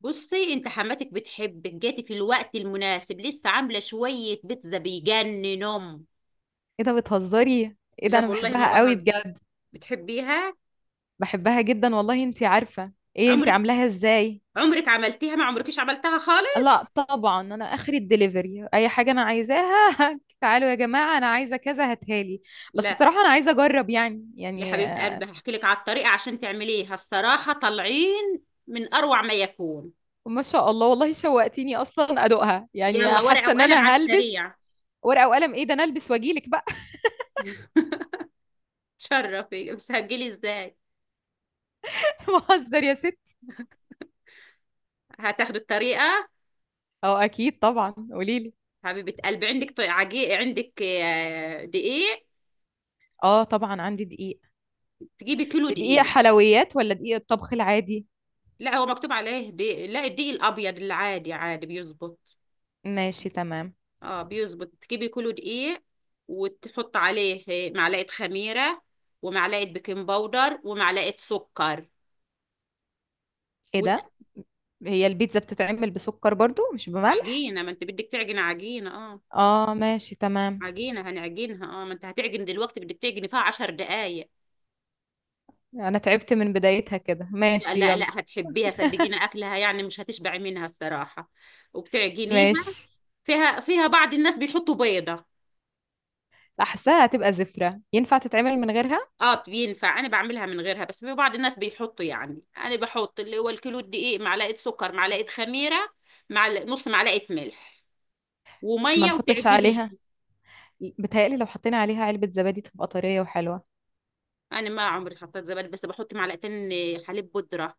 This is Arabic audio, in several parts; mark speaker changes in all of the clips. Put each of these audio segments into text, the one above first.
Speaker 1: بصي انت حماتك بتحبك، جاتي في الوقت المناسب. لسه عامله شويه بيتزا بيجننهم.
Speaker 2: ايه ده، بتهزري؟ ايه ده،
Speaker 1: لا
Speaker 2: انا
Speaker 1: والله ما
Speaker 2: بحبها قوي
Speaker 1: بهزر.
Speaker 2: بجد.
Speaker 1: بتحبيها؟
Speaker 2: بحبها جدا والله. انتي عارفة، ايه انتي
Speaker 1: عمرك
Speaker 2: عاملاها ازاي؟
Speaker 1: عمرك عملتيها؟ ما عمركيش عملتها خالص.
Speaker 2: لا طبعا، انا اخري الدليفري اي حاجة انا عايزاها. تعالوا يا جماعة، انا عايزة كذا، هاتهالي. بس
Speaker 1: لا،
Speaker 2: بصراحة انا عايزة اجرب، يعني
Speaker 1: يا
Speaker 2: يعني
Speaker 1: حبيبه
Speaker 2: آه،
Speaker 1: قلبي هحكي لك على الطريقه عشان تعمليها، الصراحه طالعين من اروع ما يكون.
Speaker 2: ما شاء الله والله شوقتيني، اصلا ادوقها،
Speaker 1: يلا،
Speaker 2: يعني حاسة
Speaker 1: ورقه
Speaker 2: ان انا
Speaker 1: وقلم على
Speaker 2: هلبس.
Speaker 1: السريع.
Speaker 2: ورقة وقلم؟ ايه ده، انا البس واجيلك بقى.
Speaker 1: تشرفي، بس هتجيلي ازاي؟
Speaker 2: بهزر يا ست.
Speaker 1: هتاخدي الطريقه.
Speaker 2: اه، اكيد طبعا، قوليلي.
Speaker 1: حبيبه قلبي، عندك طي- عجي عندك دقيق؟
Speaker 2: اه طبعا، عندي دقيق.
Speaker 1: تجيبي كيلو
Speaker 2: دقيق
Speaker 1: دقيق.
Speaker 2: حلويات ولا دقيق الطبخ العادي؟
Speaker 1: لا، هو مكتوب عليه دي. لا، الدقيق الابيض العادي عادي بيظبط.
Speaker 2: ماشي، تمام.
Speaker 1: اه، بيظبط، تجيبي كيلو دقيق وتحط عليه معلقه خميره ومعلقه بيكنج باودر ومعلقه سكر
Speaker 2: ايه ده، هي البيتزا بتتعمل بسكر برضو مش بملح؟
Speaker 1: وعجينه، ما انت بدك تعجن عجينه، اه،
Speaker 2: اه، ماشي تمام.
Speaker 1: عجينه هنعجنها. اه، ما انت هتعجن دلوقتي، بدك تعجني فيها 10 دقايق.
Speaker 2: انا تعبت من بدايتها كده،
Speaker 1: لا،
Speaker 2: ماشي
Speaker 1: لا،
Speaker 2: يلا.
Speaker 1: لا، هتحبيها صدقيني، اكلها يعني مش هتشبعي منها الصراحه، وبتعجنيها
Speaker 2: ماشي.
Speaker 1: فيها بعض الناس بيحطوا بيضه.
Speaker 2: احسها هتبقى زفرة، ينفع تتعمل من غيرها؟
Speaker 1: اه، بينفع، انا بعملها من غيرها بس في بعض الناس بيحطوا، يعني انا بحط اللي هو الكيلو دقيق، معلقه سكر، معلقه خميره، مع نص معلقه ملح
Speaker 2: ما
Speaker 1: وميه
Speaker 2: نحطش
Speaker 1: وتعجنيه.
Speaker 2: عليها. بتهيألي لو حطينا عليها علبة زبادي تبقى طرية وحلوة.
Speaker 1: انا ما عمري حطيت زبادي، بس بحط معلقتين حليب بودره.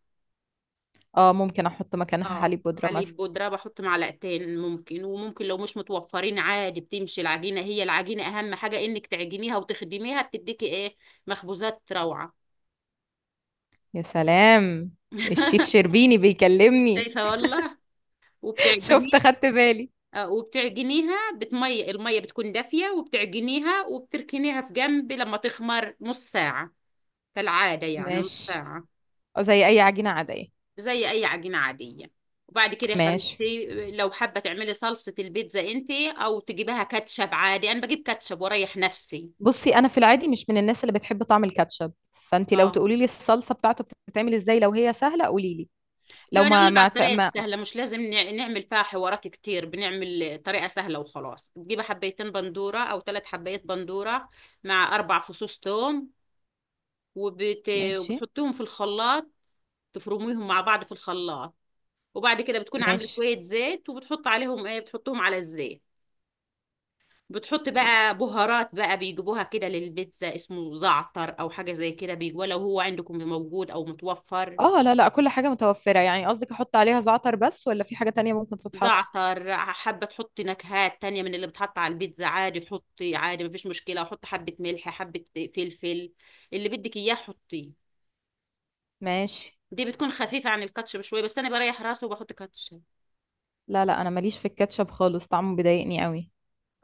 Speaker 2: اه ممكن احط مكانها
Speaker 1: اه،
Speaker 2: حليب بودرة
Speaker 1: حليب
Speaker 2: مثلا.
Speaker 1: بودره بحط معلقتين، ممكن وممكن لو مش متوفرين عادي بتمشي العجينه، هي العجينه اهم حاجه انك تعجنيها وتخدميها. بتديكي ايه؟ مخبوزات روعه.
Speaker 2: يا سلام! الشيف شربيني بيكلمني.
Speaker 1: شايفه والله،
Speaker 2: شفت
Speaker 1: وبتعجنيها.
Speaker 2: خدت بالي.
Speaker 1: وبتعجنيها بتمي المية بتكون دافية، وبتعجنيها وبتركنيها في جنب لما تخمر نص ساعة، كالعادة يعني نص
Speaker 2: ماشي.
Speaker 1: ساعة،
Speaker 2: أو زي اي عجينة عادية.
Speaker 1: زي أي عجينة عادية. وبعد كده يا
Speaker 2: ماشي.
Speaker 1: حبيبتي، لو حابة تعملي صلصة البيتزا انت، أو تجيبها كاتشب عادي. أنا بجيب كاتشب وأريح نفسي.
Speaker 2: بُصّي، أنا في العادي مش من الناس اللي بتحب طعم الكاتشب، فأنتِ لو
Speaker 1: اه،
Speaker 2: تقولي لي الصلصة بتاعته بتتعمل إزاي، لو هي سهلة قولي لي.
Speaker 1: هو
Speaker 2: لو
Speaker 1: أنا أقول
Speaker 2: ما
Speaker 1: لك على
Speaker 2: ما ت
Speaker 1: الطريقة
Speaker 2: ما
Speaker 1: السهلة، مش لازم نعمل فيها حوارات كتير، بنعمل طريقة سهلة وخلاص. بتجيبي حبيتين بندورة أو 3 حبايات بندورة مع 4 فصوص ثوم وبت...
Speaker 2: ماشي،
Speaker 1: وبتحطيهم في الخلاط، تفرميهم مع بعض في الخلاط. وبعد كده بتكون عامله
Speaker 2: ماشي.
Speaker 1: شويه زيت وبتحط عليهم، ايه، بتحطهم على الزيت. بتحط بقى بهارات، بقى بيجيبوها كده للبيتزا، اسمه زعتر او حاجه زي كده بيجوا، لو هو عندكم موجود او متوفر.
Speaker 2: آه، لا، لأ، كل حاجة متوفّرة، يعني قصدِك أحُط عليها زعتر بس والّا في حاجة تانية ممكن تتحط؟
Speaker 1: زعتر، حابه تحطي نكهات تانية من اللي بتحط على البيتزا عادي، حطي عادي مفيش مشكله، وحطي حبه ملح، حبه فلفل، اللي بدك اياه حطيه.
Speaker 2: ماشي.
Speaker 1: دي بتكون خفيفه عن الكاتشب شويه، بس انا بريح راسي وبحط كاتشب.
Speaker 2: لا، لأ، أنا ما ليش في الكاتشب خالص، طعمه بيضايقني أوي.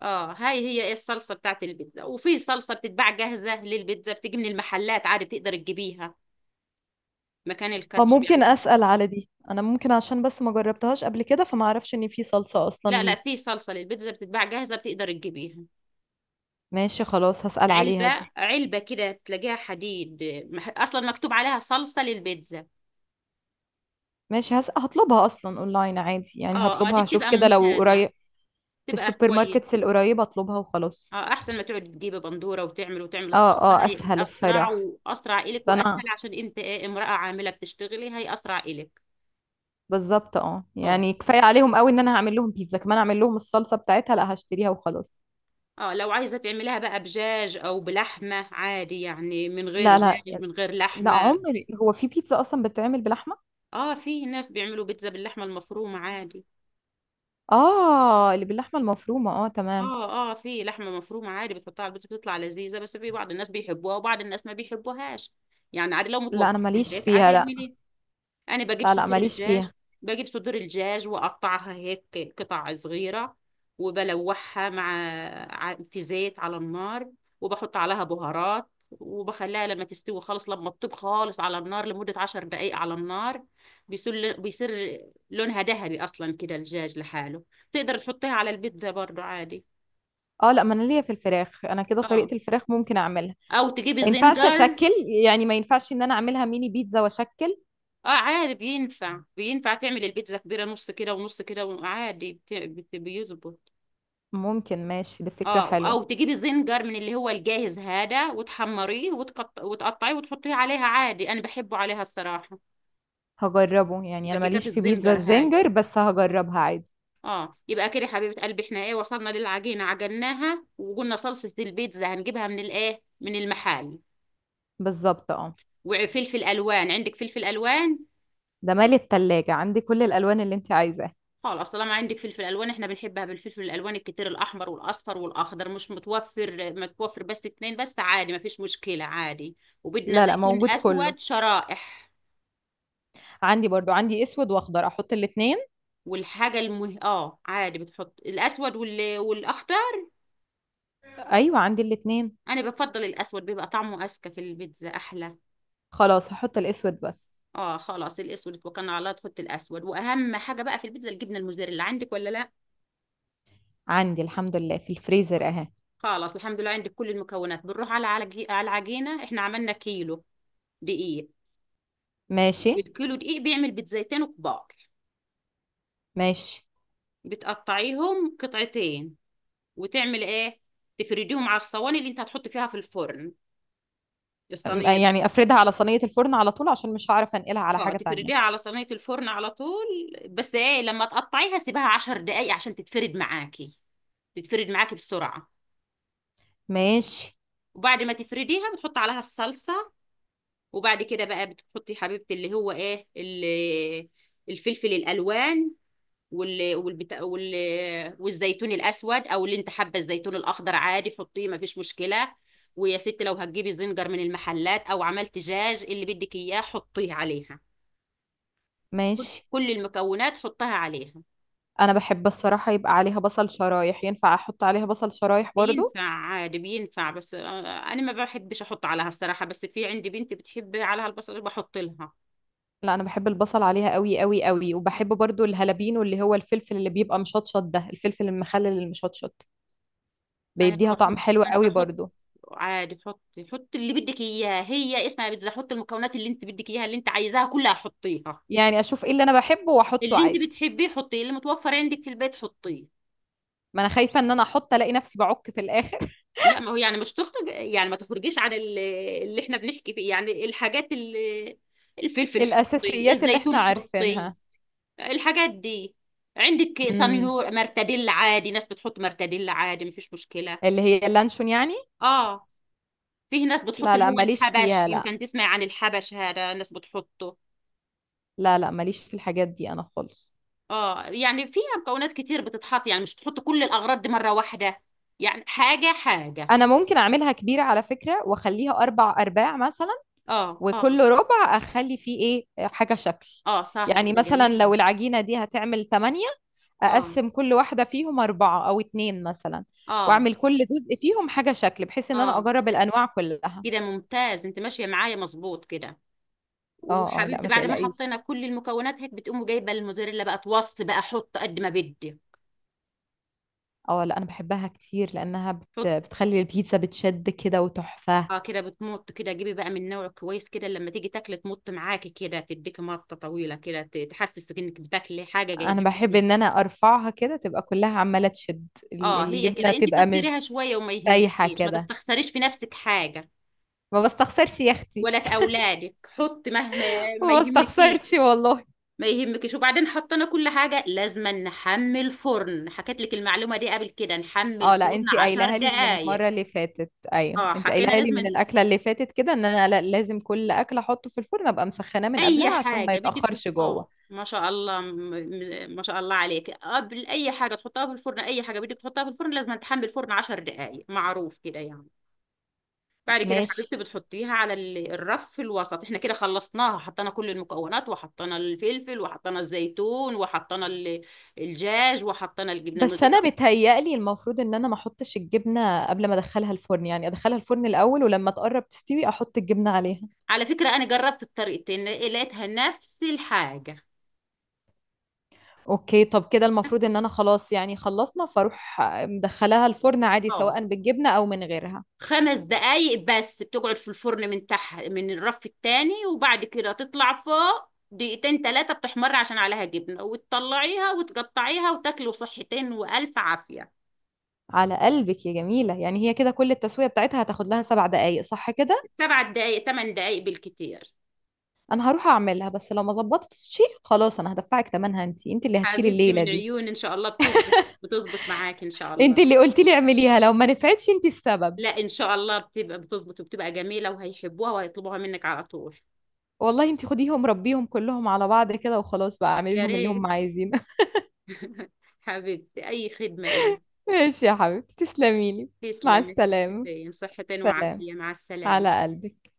Speaker 1: اه، هاي هي ايه الصلصة بتاعت البيتزا، وفي صلصة بتتباع جاهزة للبيتزا، بتيجي من المحلات عادي بتقدر تجيبيها مكان
Speaker 2: آه،
Speaker 1: الكاتشب
Speaker 2: ممكن
Speaker 1: يعني.
Speaker 2: أسأل على دي، أنا ممكن عشان بس ما جرّبتهاش قبل كده، فما أعرفش إن في صلصة أصلًا
Speaker 1: لا، لا،
Speaker 2: ليه.
Speaker 1: في صلصة للبيتزا بتتباع جاهزة بتقدر تجيبيها.
Speaker 2: ماشي خلاص، هاسأل
Speaker 1: علبة،
Speaker 2: عليها دي.
Speaker 1: علبة كده تلاقيها حديد، اصلا مكتوب عليها صلصة للبيتزا.
Speaker 2: ماشي، هاطلبها أصلًا online عادي، يعني
Speaker 1: اه، اه، دي
Speaker 2: هاطلبها، هاشوف
Speaker 1: بتبقى
Speaker 2: كده لو
Speaker 1: ممتازة،
Speaker 2: قري في
Speaker 1: بتبقى
Speaker 2: السوبر
Speaker 1: كويس.
Speaker 2: ماركتس القريبة اطلبها وخلاص.
Speaker 1: اه، احسن ما تقعد تجيب بندورة وتعمل
Speaker 2: اه،
Speaker 1: الصلصة
Speaker 2: اه،
Speaker 1: هي
Speaker 2: اسهل
Speaker 1: اسرع،
Speaker 2: الصراحة.
Speaker 1: واسرع الك
Speaker 2: بس
Speaker 1: واسهل،
Speaker 2: انا
Speaker 1: عشان انت إيه، امرأة عاملة بتشتغلي، هي اسرع الك.
Speaker 2: بالظبط، اه،
Speaker 1: اه،
Speaker 2: يعني كفاية عليهم قوي ان انا هعمل لهم بيتزا، كمان اعمل لهم الصلصة بتاعتها؟ لا، هشتريها وخلاص.
Speaker 1: اه، لو عايزة تعمليها بقى بجاج او بلحمة عادي، يعني من غير
Speaker 2: لا، لا.
Speaker 1: دجاج من غير
Speaker 2: لا
Speaker 1: لحمة.
Speaker 2: عمري، هو في بيتزا اصلا بتتعمل بلحمة؟
Speaker 1: اه، في ناس بيعملوا بيتزا باللحمة المفرومة عادي.
Speaker 2: اه، اللي باللحمة المفرومة، اه تمام.
Speaker 1: اه، اه، في لحمة مفرومة عادي بتحطها على البيتزا بتطلع لذيذة، بس في بعض الناس بيحبوها وبعض الناس ما بيحبوهاش، يعني عادي لو
Speaker 2: لا انا
Speaker 1: متوفرة في
Speaker 2: ماليش
Speaker 1: البيت عادي
Speaker 2: فيها، لا.
Speaker 1: اعمليها. انا بجيب
Speaker 2: لا، لا،
Speaker 1: صدور
Speaker 2: ماليش
Speaker 1: الدجاج،
Speaker 2: فيها.
Speaker 1: بجيب صدور الدجاج واقطعها هيك قطع صغيره، وبلوحها مع في زيت على النار، وبحط عليها بهارات وبخليها لما تستوي خالص، لما تطيب خالص على النار لمدة 10 دقايق على النار. بيصير لونها ذهبي أصلا كده الدجاج لحاله، تقدر تحطيها على البيتزا برضو عادي.
Speaker 2: اه لا، ما انا ليا في الفراخ، انا كده
Speaker 1: اه،
Speaker 2: طريقة الفراخ ممكن اعملها.
Speaker 1: أو تجيبي
Speaker 2: ما ينفعش
Speaker 1: زنجر.
Speaker 2: اشكل؟ يعني ما ينفعش ان انا اعملها ميني بيتزا واشكل؟
Speaker 1: اه، عادي بينفع، تعمل البيتزا كبيرة نص كده ونص كده، وعادي بيظبط.
Speaker 2: ممكن، ماشي، دي فكرة
Speaker 1: اه، او
Speaker 2: حلوة.
Speaker 1: تجيبي زنجر من اللي هو الجاهز هذا وتحمريه وتقطعيه وتحطيه عليها عادي، انا بحبه عليها الصراحه،
Speaker 2: هجربه، يعني انا
Speaker 1: باكيتات
Speaker 2: ماليش في بيتزا
Speaker 1: الزنجر هاي.
Speaker 2: الزنجر، بس هجربها عادي.
Speaker 1: اه، يبقى كده حبيبه قلبي، احنا ايه وصلنا للعجينه عجناها، وقلنا صلصه البيتزا هنجيبها من الايه، من المحل.
Speaker 2: بالظبط، اه.
Speaker 1: وفلفل الوان، عندك فلفل الوان؟
Speaker 2: ده مالي التلاجة، عندي كل الالوان اللي انت عايزاها.
Speaker 1: خلاص طالما عندك فلفل الوان احنا بنحبها بالفلفل الالوان الكتير، الاحمر والاصفر والاخضر، مش متوفر، متوفر بس اتنين بس عادي مفيش مشكله عادي. وبدنا
Speaker 2: لا لا،
Speaker 1: زيتون
Speaker 2: موجود كله.
Speaker 1: اسود شرائح.
Speaker 2: عندي برضو، عندي اسود واخضر، احط الاتنين.
Speaker 1: والحاجة اه، عادي بتحط الأسود والأخضر.
Speaker 2: ايوه، عندي الاتنين.
Speaker 1: أنا بفضل الأسود، بيبقى طعمه أذكى في البيتزا أحلى.
Speaker 2: خلاص هحط الاسود بس.
Speaker 1: اه، خلاص الأسود، اتوكلنا على الله تحط الأسود. وأهم حاجة بقى في البيتزا الجبنة الموزاريلا، عندك ولا لا؟
Speaker 2: عندي الحمد لله في الفريزر اهي.
Speaker 1: خلاص الحمد لله عندك كل المكونات، بنروح على العجينة، احنا عملنا كيلو دقيق.
Speaker 2: ماشي.
Speaker 1: الكيلو دقيق بيعمل بيتزايتين كبار،
Speaker 2: ماشي.
Speaker 1: بتقطعيهم قطعتين، وتعمل ايه، تفرديهم على الصواني اللي انت هتحط فيها في الفرن، الصينية.
Speaker 2: يعني افردها على صينية الفرن على طول، عشان مش هعرف انقلها على
Speaker 1: اه،
Speaker 2: حاجة تانية.
Speaker 1: تفرديها على صينية الفرن على طول، بس ايه، لما تقطعيها سيبها 10 دقايق عشان تتفرد معاكي، تتفرد معاكي بسرعة.
Speaker 2: ماشي.
Speaker 1: وبعد ما تفرديها بتحط عليها الصلصة، وبعد كده بقى بتحطي يا حبيبتي اللي هو ايه الفلفل الألوان وال والبتا... وال والزيتون الأسود، أو اللي انت حابة الزيتون الأخضر عادي حطيه مفيش مشكلة. ويا ست، لو هتجيبي زنجر من المحلات أو عملت دجاج، اللي بدك إياه حطيه عليها، كل
Speaker 2: ماشي.
Speaker 1: كل المكونات حطها عليها.
Speaker 2: انا بحب الصراحة يبقى عليها بصل شرايح، ينفع احط عليها بصل شرايح برضو؟
Speaker 1: بينفع عادي بينفع، بس. انا ما بحبش احط عليها الصراحه، بس في عندي بنتي بتحب عليها البصل بحط لها.
Speaker 2: لا انا بحب البصل عليها قوي قوي قوي، وبحب برضو الهالبينو اللي هو الفلفل اللي بيبقى مشطشط ده، الفلفل المخلل المشطشط.
Speaker 1: انا ما
Speaker 2: بيديها طعم
Speaker 1: بحطش،
Speaker 2: حلو
Speaker 1: انا
Speaker 2: قوي
Speaker 1: بحط
Speaker 2: برضو.
Speaker 1: عادي، حطي اللي بدك اياه، هي اسمها بيتزا، حطي المكونات اللي انت بدك اياها اللي انت عايزاها كلها حطيها،
Speaker 2: يعني اشوف ايه اللي انا بحبه واحطه
Speaker 1: اللي انت
Speaker 2: عادي.
Speaker 1: بتحبيه حطيه، اللي متوفر عندك في البيت حطيه.
Speaker 2: ما انا خايفة ان انا احط الاقي نفسي بعك في الاخر.
Speaker 1: لا، ما هو يعني مش تخرج، يعني ما تخرجيش عن اللي احنا بنحكي فيه، يعني الحاجات اللي الفلفل حطي،
Speaker 2: الاساسيات اللي احنا
Speaker 1: الزيتون حطي،
Speaker 2: عارفينها.
Speaker 1: الحاجات دي. عندك
Speaker 2: امم،
Speaker 1: صنيور مرتديل عادي، ناس بتحط مرتديل عادي مفيش مشكلة.
Speaker 2: اللي هي اللانشون يعني.
Speaker 1: اه، فيه ناس بتحط
Speaker 2: لا
Speaker 1: اللي
Speaker 2: لا،
Speaker 1: هو
Speaker 2: ماليش
Speaker 1: الحبش،
Speaker 2: فيها، لا.
Speaker 1: يمكن تسمع عن الحبش هذا، ناس بتحطه.
Speaker 2: لا لا، ماليش في الحاجات دي انا خالص.
Speaker 1: اه، يعني فيها مكونات كتير بتتحط، يعني مش تحط كل الأغراض دي مرة واحدة، يعني حاجة حاجة.
Speaker 2: انا ممكن اعملها كبيرة على فكرة، واخليها 4 ارباع مثلا،
Speaker 1: اه،
Speaker 2: وكل
Speaker 1: اه،
Speaker 2: ربع اخلي فيه ايه، حاجه شكل.
Speaker 1: اه، صاحب
Speaker 2: يعني
Speaker 1: بيبقى
Speaker 2: مثلا
Speaker 1: جميل.
Speaker 2: لو العجينه دي هتعمل 8،
Speaker 1: اه،
Speaker 2: اقسم كل واحده فيهم 4 أو 2 مثلا،
Speaker 1: اه،
Speaker 2: واعمل كل جزء فيهم حاجه شكل، بحيث ان انا
Speaker 1: اه،
Speaker 2: اجرب الانواع كلها.
Speaker 1: كده ممتاز، انت ماشية معايا مظبوط كده.
Speaker 2: اه، اه، لا
Speaker 1: وحبيبتي،
Speaker 2: ما
Speaker 1: بعد ما
Speaker 2: تقلقيش.
Speaker 1: حطينا كل المكونات هيك بتقوم جايبه الموزاريلا بقى، توص بقى، حط قد ما بدي،
Speaker 2: اه لا، انا بحبها كتير لانها
Speaker 1: حط.
Speaker 2: بتخلي البيتزا بتشد كده وتحفه.
Speaker 1: اه، كده بتمط كده، جيبي بقى من نوع كويس كده، لما تيجي تاكلي تمط معاكي كده، تديكي مطه طويله كده، تحسسك انك بتاكلي حاجه
Speaker 2: انا
Speaker 1: جايبه.
Speaker 2: بحب ان انا ارفعها كده تبقى كلها عماله تشد،
Speaker 1: اه، هي
Speaker 2: الجبنه
Speaker 1: كده، انت
Speaker 2: تبقى مش
Speaker 1: كتريها شويه وما
Speaker 2: سايحه
Speaker 1: يهمكيش، ما
Speaker 2: كده.
Speaker 1: تستخسريش في نفسك حاجه،
Speaker 2: ما بستخسرش يا اختي.
Speaker 1: ولا في اولادك، حط مهما، ما
Speaker 2: ما
Speaker 1: يهمكيش،
Speaker 2: بستخسرش والله.
Speaker 1: ما يهمكيش. وبعدين حطينا كل حاجه، لازم نحمي الفرن، حكيت لك المعلومه دي قبل كده، نحمي
Speaker 2: اه لا،
Speaker 1: الفرن
Speaker 2: انت
Speaker 1: عشر
Speaker 2: قايلها لي من
Speaker 1: دقائق
Speaker 2: المره اللي فاتت، ايوه
Speaker 1: اه،
Speaker 2: انت
Speaker 1: حكينا
Speaker 2: قايلها لي من
Speaker 1: لازم
Speaker 2: الاكله اللي فاتت كده، ان انا لازم كل اكل احطه في الفرن ابقى مسخناه من
Speaker 1: اي
Speaker 2: قبلها، عشان ما
Speaker 1: حاجه بدك
Speaker 2: يتاخرش جوه.
Speaker 1: ما شاء الله، ما شاء الله عليك، قبل اي حاجه تحطها في الفرن، اي حاجه بدك تحطها في الفرن لازم تحمل الفرن 10 دقائق، معروف كده يعني. بعد كده يا
Speaker 2: ماشي.
Speaker 1: حبيبتي بتحطيها على الرف في الوسط، احنا كده خلصناها، حطينا كل المكونات وحطينا الفلفل وحطينا الزيتون وحطينا الدجاج وحطينا الجبنه
Speaker 2: بس
Speaker 1: الموزاريلا.
Speaker 2: انا بتهيألي المفروض ان انا ما احطش الجبنه قبل ما ادخلها الفرن، يعني ادخلها الفرن الاول، ولما تقرب تستوي احط الجبنه عليها.
Speaker 1: على فكره انا جربت الطريقتين لقيتها نفس الحاجه،
Speaker 2: اوكي، طب كده
Speaker 1: نفس.
Speaker 2: المفروض ان انا خلاص، يعني خلصنا، فاروح مدخلاها الفرن عادي
Speaker 1: اه،
Speaker 2: سواء بالجبنه او من غيرها.
Speaker 1: 5 دقايق بس بتقعد في الفرن من تحت من الرف التاني، وبعد كده تطلع فوق دقيقتين تلاتة بتحمر عشان عليها جبنة، وتطلعيها وتقطعيها وتاكلوا صحتين وألف عافية.
Speaker 2: على قلبك يا جميله. يعني هي كده كل التسويه بتاعتها هتاخد لها 7 دقائق صح كده؟
Speaker 1: 7 دقايق 8 دقايق بالكتير.
Speaker 2: انا هروح اعملها، بس لو ما ظبطتش خلاص انا هدفعك ثمنها، انت اللي هتشيلي
Speaker 1: حبيبتي
Speaker 2: الليله
Speaker 1: من
Speaker 2: دي.
Speaker 1: عيوني، إن شاء الله بتظبط، بتظبط معاك إن شاء
Speaker 2: انت
Speaker 1: الله.
Speaker 2: اللي قلتي لي اعمليها، لو ما نفعتش انت السبب.
Speaker 1: لا، إن شاء الله بتبقى بتظبط وبتبقى جميلة، وهيحبوها وهيطلبوها منك على طول.
Speaker 2: والله انت خديهم ربيهم كلهم على بعض كده وخلاص بقى، اعملي
Speaker 1: يا
Speaker 2: لهم اللي هم
Speaker 1: ريت،
Speaker 2: عايزينه.
Speaker 1: حبيبتي أي خدمة إلي.
Speaker 2: ماشي يا حبيبتي، تسلمي لي. مع
Speaker 1: تسلمي،
Speaker 2: السلامه.
Speaker 1: صحتين
Speaker 2: سلام.
Speaker 1: وعافية، مع السلامة.
Speaker 2: على قلبك.